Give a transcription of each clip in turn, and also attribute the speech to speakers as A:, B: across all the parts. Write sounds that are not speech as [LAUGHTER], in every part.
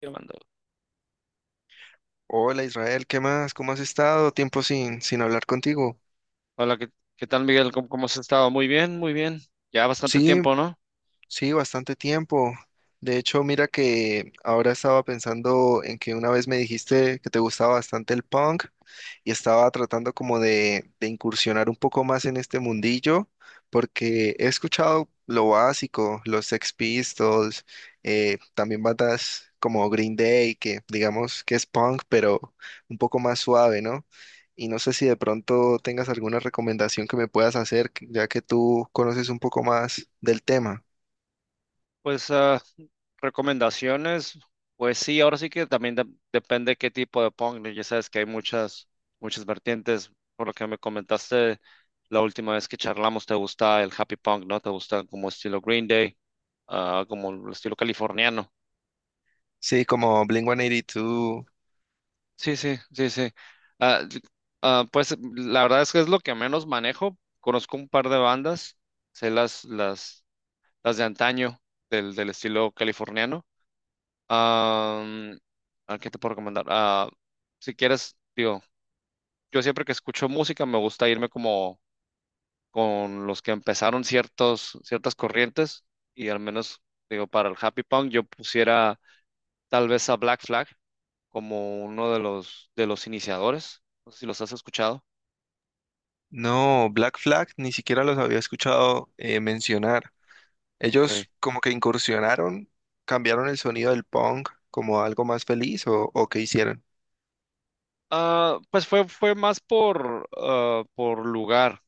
A: Yo mando.
B: Hola Israel, ¿qué más? ¿Cómo has estado? Tiempo sin hablar contigo.
A: Hola, ¿qué tal, Miguel? ¿Cómo has estado? Muy bien, muy bien. Ya bastante
B: Sí,
A: tiempo, ¿no?
B: sí, bastante tiempo. De hecho, mira que ahora estaba pensando en que una vez me dijiste que te gustaba bastante el punk y estaba tratando como de incursionar un poco más en este mundillo porque he escuchado lo básico, los Sex Pistols, también bandas como Green Day, que digamos que es punk, pero un poco más suave, ¿no? Y no sé si de pronto tengas alguna recomendación que me puedas hacer, ya que tú conoces un poco más del tema.
A: Pues recomendaciones, pues sí, ahora sí que también depende qué tipo de punk, ¿no? Ya sabes que hay muchas vertientes. Por lo que me comentaste la última vez que charlamos, te gusta el happy punk, ¿no? Te gusta como estilo Green Day, como el estilo californiano.
B: Sí, como Blink-182.
A: Sí, sí, sí, sí. Ah, d- pues la verdad es que es lo que menos manejo. Conozco un par de bandas, sé las de antaño, del estilo californiano. Am, ¿a ¿Qué te puedo recomendar? Si quieres, digo, yo siempre que escucho música me gusta irme como con los que empezaron ciertas corrientes y al menos, digo, para el happy punk yo pusiera tal vez a Black Flag como uno de los iniciadores. No sé si los has escuchado.
B: No, Black Flag ni siquiera los había escuchado, mencionar.
A: Ok.
B: Ellos como que incursionaron, cambiaron el sonido del punk como algo más feliz o, ¿o qué hicieron?
A: Pues fue más por, por lugar.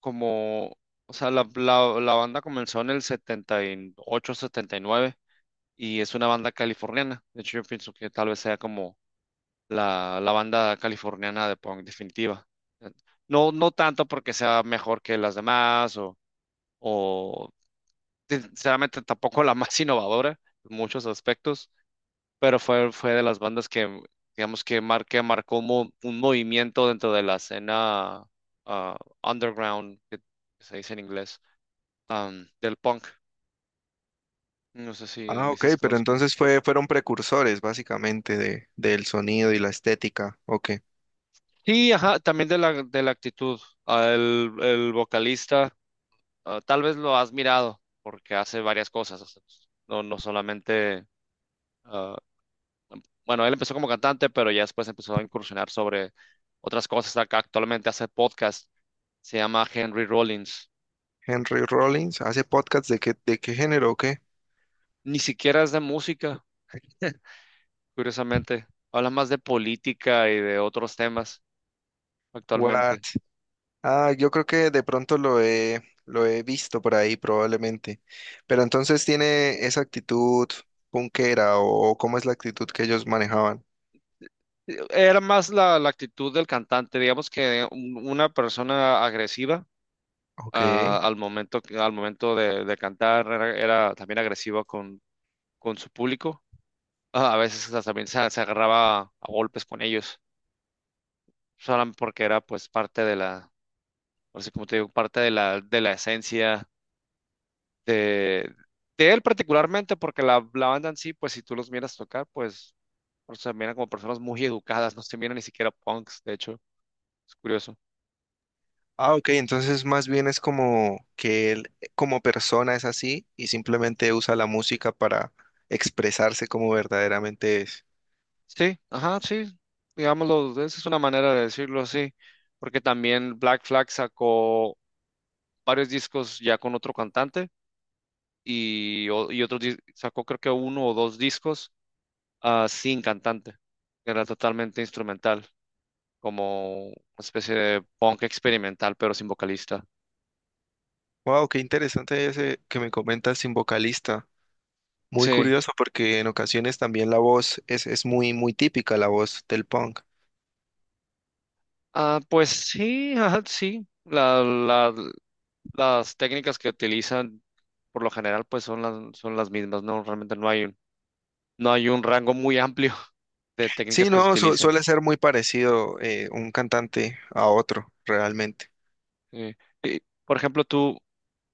A: Como, o sea, la banda comenzó en el 78, 79 y nueve y es una banda californiana. De hecho, yo pienso que tal vez sea como la banda californiana de punk definitiva. No, no tanto porque sea mejor que las demás o sinceramente tampoco la [LAUGHS] más innovadora en muchos aspectos, pero fue de las bandas que digamos que marcó un movimiento dentro de la escena ah, underground, que se dice en inglés, del punk. No sé si me
B: Ah, ok,
A: dices que no
B: pero
A: los conozco.
B: entonces fueron precursores básicamente de, del sonido y la estética. Ok.
A: Sí, ajá, también de la actitud. El vocalista, tal vez lo has mirado, porque hace varias cosas. O sea, no, no solamente. ah, bueno, él empezó como cantante, pero ya después empezó a incursionar sobre otras cosas. Actualmente hace podcast, se llama Henry Rollins.
B: Henry Rollins hace podcasts ¿de qué, de qué género o qué?
A: Ni siquiera es de música, curiosamente. Habla más de política y de otros temas
B: What?
A: actualmente.
B: Ah, yo creo que de pronto lo he visto por ahí probablemente. Pero entonces tiene esa actitud punkera o ¿cómo es la actitud que ellos manejaban?
A: Era más la actitud del cantante, digamos que una persona agresiva
B: Ok.
A: ah, al momento, al momento de cantar era también agresiva con su público. A veces hasta también se agarraba a golpes con ellos, solamente porque era pues parte de la, así como te digo, parte de la esencia de, de él particularmente, porque la banda en sí, pues si tú los miras tocar, pues o sea, miran como personas muy educadas, no se miran ni siquiera punks, de hecho, es curioso.
B: Ah, ok, entonces más bien es como que él como persona es así y simplemente usa la música para expresarse como verdaderamente es.
A: Sí, ajá, sí, digámoslo, esa es una manera de decirlo así, porque también Black Flag sacó varios discos ya con otro cantante y otros sacó creo que uno o dos discos sin cantante, que era totalmente instrumental, como una especie de punk experimental, pero sin vocalista.
B: Wow, qué interesante ese que me comentas sin vocalista. Muy
A: Sí,
B: curioso porque en ocasiones también la voz es muy, muy típica la voz del punk.
A: pues sí, ajá, sí, las técnicas que utilizan por lo general pues son las mismas, ¿no? Realmente no hay un rango muy amplio [LAUGHS] de técnicas
B: Sí,
A: que se
B: no,
A: utilizan.
B: suele ser muy parecido, un cantante a otro, realmente.
A: Eh, y, por ejemplo,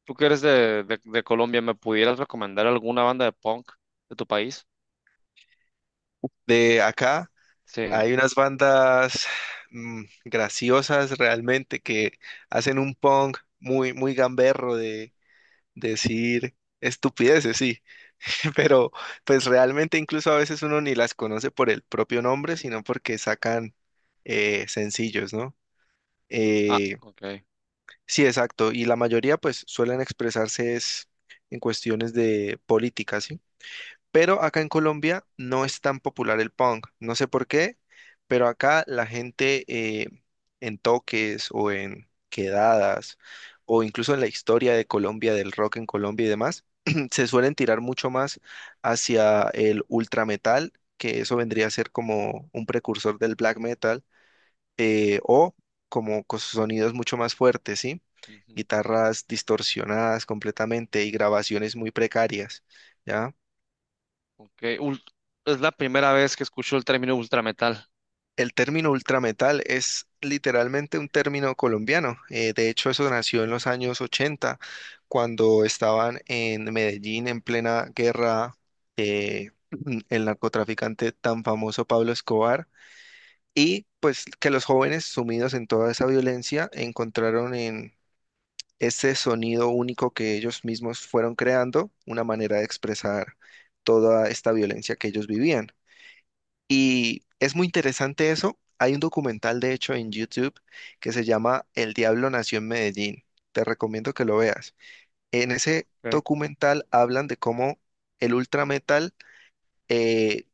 A: tú que eres de Colombia, ¿me pudieras recomendar alguna banda de punk de tu país?
B: De acá
A: Sí.
B: hay unas bandas graciosas realmente que hacen un punk muy, muy gamberro de decir estupideces, sí, [LAUGHS] pero pues realmente incluso a veces uno ni las conoce por el propio nombre, sino porque sacan, sencillos, ¿no?
A: Ah,
B: Eh,
A: ok.
B: sí, exacto, y la mayoría pues suelen expresarse es en cuestiones de política, ¿sí? Pero acá en Colombia no es tan popular el punk. No sé por qué, pero acá la gente, eh, en toques o en quedadas o incluso en la historia de Colombia, del rock en Colombia y demás, [CLEARS THROAT] se suelen tirar mucho más hacia el ultra metal, que eso vendría a ser como un precursor del black metal, o como con sonidos mucho más fuertes, ¿sí?
A: Ujú,
B: Guitarras distorsionadas completamente y grabaciones muy precarias, ¿ya?
A: ok. Es la primera vez que escucho el término ultrametal.
B: El término ultrametal es literalmente un término colombiano. De hecho, eso nació en
A: Mm,
B: los años 80, cuando estaban en Medellín en plena guerra, eh, [CLEARS THROAT] el narcotraficante tan famoso Pablo Escobar. Y pues que los jóvenes sumidos en toda esa violencia encontraron en ese sonido único que ellos mismos fueron creando una manera de expresar toda esta violencia que ellos vivían. Y es muy interesante eso. Hay un documental, de hecho, en YouTube que se llama El Diablo Nació en Medellín. Te recomiendo que lo veas. En ese
A: ok.
B: documental hablan de cómo el ultrametal, eh,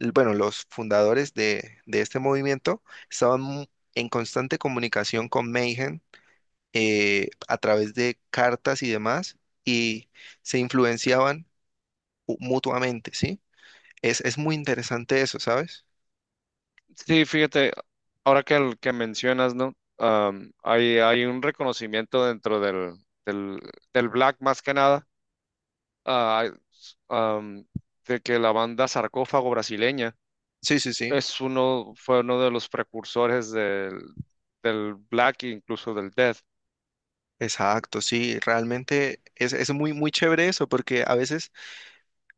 B: bueno, los fundadores de este movimiento estaban, en constante comunicación con Mayhem, a través de cartas y demás y se influenciaban, mutuamente, ¿sí? Es muy interesante eso, ¿sabes?
A: Sí, fíjate, ahora que mencionas, ¿no? Hay un reconocimiento dentro del, del black más que nada, ah, am, de que la banda Sarcófago brasileña
B: Sí, sí, sí.
A: fue uno de los precursores del Black e incluso del Death.
B: Exacto, sí, realmente es muy, muy chévere eso, porque a veces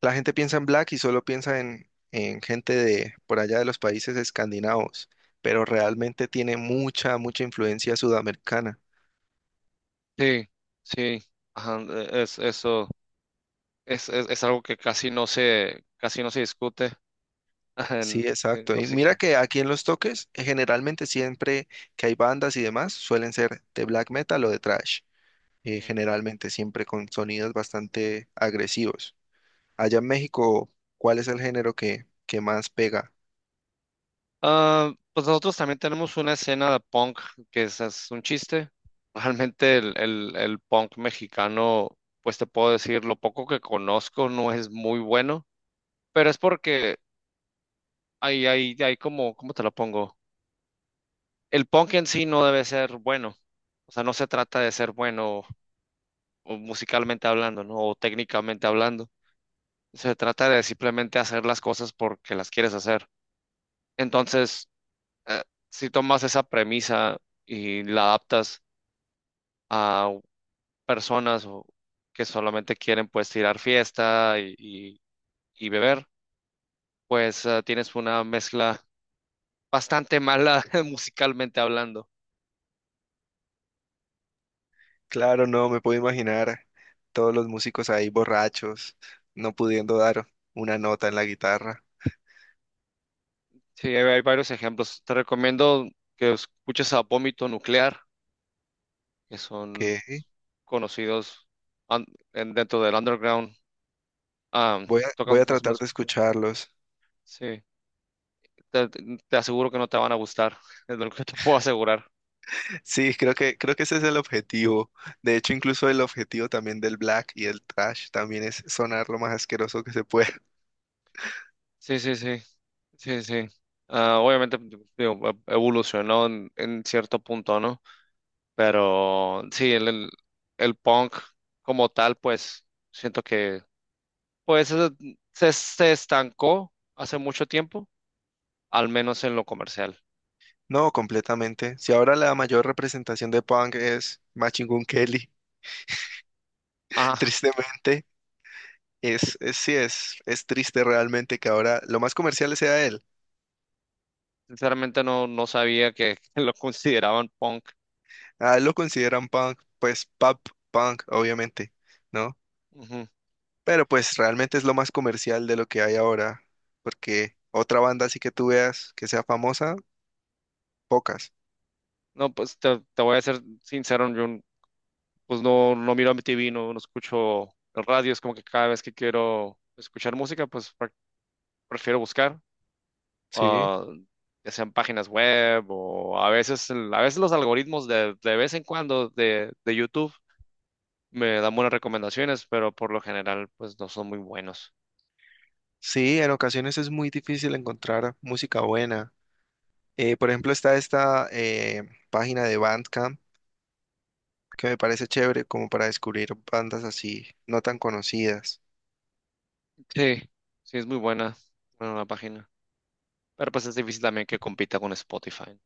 B: la gente piensa en Black y solo piensa en gente de por allá de los países escandinavos, pero realmente tiene mucha, mucha influencia sudamericana.
A: Sí, sí, ajá, eso es algo que casi no se discute. [LAUGHS]
B: Sí, exacto.
A: Ahora
B: Y
A: sí
B: mira
A: que,
B: que aquí en Los Toques, generalmente siempre que hay bandas y demás, suelen ser de black metal o de thrash,
A: mm.
B: generalmente siempre con sonidos bastante agresivos. Allá en México, ¿cuál es el género que más pega?
A: Pues nosotros también tenemos una escena de punk que es un chiste. Realmente el punk mexicano, pues te puedo decir, lo poco que conozco no es muy bueno, pero es porque hay como, ¿cómo te lo pongo? El punk en sí no debe ser bueno. O sea, no se trata de ser bueno o musicalmente hablando, ¿no? O técnicamente hablando. Se trata de simplemente hacer las cosas porque las quieres hacer. Entonces, eh, si tomas esa premisa y la adaptas a personas que solamente quieren pues tirar fiesta y beber, pues tienes una mezcla bastante mala [LAUGHS] musicalmente hablando.
B: Claro, no, me puedo imaginar todos los músicos ahí borrachos, no pudiendo dar una nota en la guitarra,
A: Sí, hay varios ejemplos. Te recomiendo que escuches a Vómito Nuclear, que son
B: que
A: conocidos an- dentro del underground. Ah,
B: voy
A: Tocan
B: a
A: más o
B: tratar
A: menos.
B: de escucharlos.
A: Sí, te aseguro que no te van a gustar, [LAUGHS] es lo que te puedo asegurar.
B: Sí, creo que ese es el objetivo. De hecho, incluso el objetivo también del black y el trash también es sonar lo más asqueroso que se pueda. [LAUGHS]
A: Sí, sí, sí, sí, sí. Obviamente digo, evolucionó en cierto punto, ¿no? Pero sí, el punk como tal, pues siento que pues se estancó hace mucho tiempo al menos en lo comercial.
B: No, completamente. Si ahora la mayor representación de punk es Machine Gun Kelly, [LAUGHS]
A: Ah,
B: tristemente, sí, es triste realmente que ahora lo más comercial sea él.
A: Sinceramente no sabía que [LAUGHS] lo consideraban punk.
B: Ah, lo consideran punk, pues pop, punk, obviamente, ¿no?
A: Ujú.
B: Pero pues realmente es lo más comercial de lo que hay ahora, porque otra banda así que tú veas que sea famosa, pocas,
A: No, pues te voy a ser sincero, pues no miro MTV, no escucho el radio, es como que cada vez que quiero escuchar música, pues prefiero buscar,
B: ¿sí?
A: ah, ya sean páginas web o a veces, a veces los algoritmos de vez en cuando de YouTube me dan buenas recomendaciones, pero por lo general pues no son muy buenos.
B: Sí, en ocasiones es muy difícil encontrar música buena. Por ejemplo, está esta página de Bandcamp que me parece chévere como para descubrir bandas así no tan conocidas.
A: Sí, sí es muy buena, bueno, la página. Pero pues es difícil también que compita con Spotify.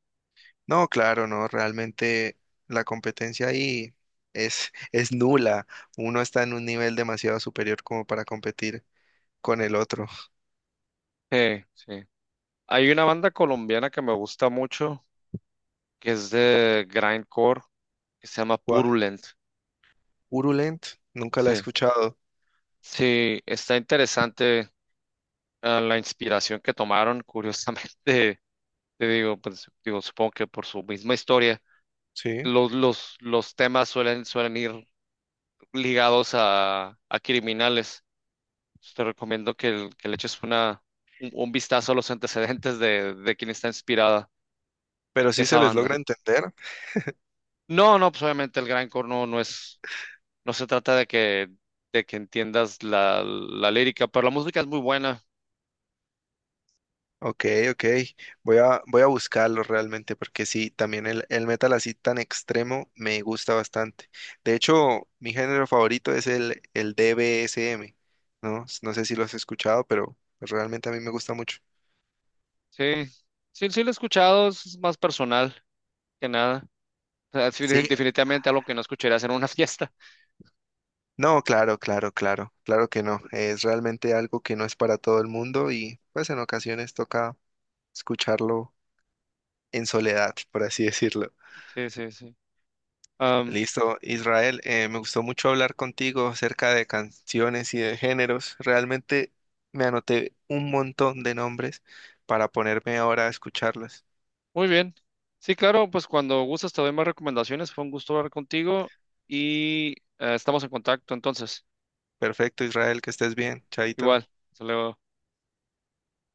B: No, claro, no, realmente la competencia ahí es, [LAUGHS] es nula. Uno está en un nivel demasiado superior como para competir con el otro.
A: Sí, sí. Hay una banda colombiana que me gusta mucho, que es de grindcore, que se llama
B: Guau,
A: Purulent.
B: Urulent, nunca la he
A: Sí,
B: escuchado,
A: sí, está interesante, la inspiración que tomaron, curiosamente. [LAUGHS] Te digo, pues, digo, supongo que por su misma historia,
B: sí,
A: los temas suelen ir ligados a criminales. Pues, te recomiendo que, que le eches un vistazo a los antecedentes de quien está inspirada
B: pero sí se
A: esa
B: les
A: banda.
B: logra entender.
A: No, no, pues obviamente el gran no, no se trata de que entiendas la lírica, pero la música es muy buena,
B: Ok, ok, voy a buscarlo realmente porque sí, también el metal así tan extremo me gusta bastante. De hecho, mi género favorito es el D B S M. ¿No? No sé si lo has escuchado, pero realmente a mí me gusta mucho.
A: sí, sí, sí la he escuchado, es más personal que nada. O sea, sí,
B: Sí,
A: definitivamente algo que no escucharías en una [LAUGHS] fiesta,
B: no, claro, claro, claro, claro que no. Es realmente algo que no es para todo el mundo y pues en ocasiones toca escucharlo en soledad, por así [LAUGHS] decirlo.
A: sí, sí, sí. Am,
B: Listo, Israel, me gustó mucho hablar contigo acerca de canciones y de géneros. Realmente me anoté un montón de nombres para ponerme ahora a escucharlas.
A: Muy bien, sí, claro, pues cuando gustes te doy más recomendaciones, fue un gusto hablar contigo y estamos en contacto entonces,
B: Perfecto, Israel, que estés bien. Chaito.
A: igual, hasta luego.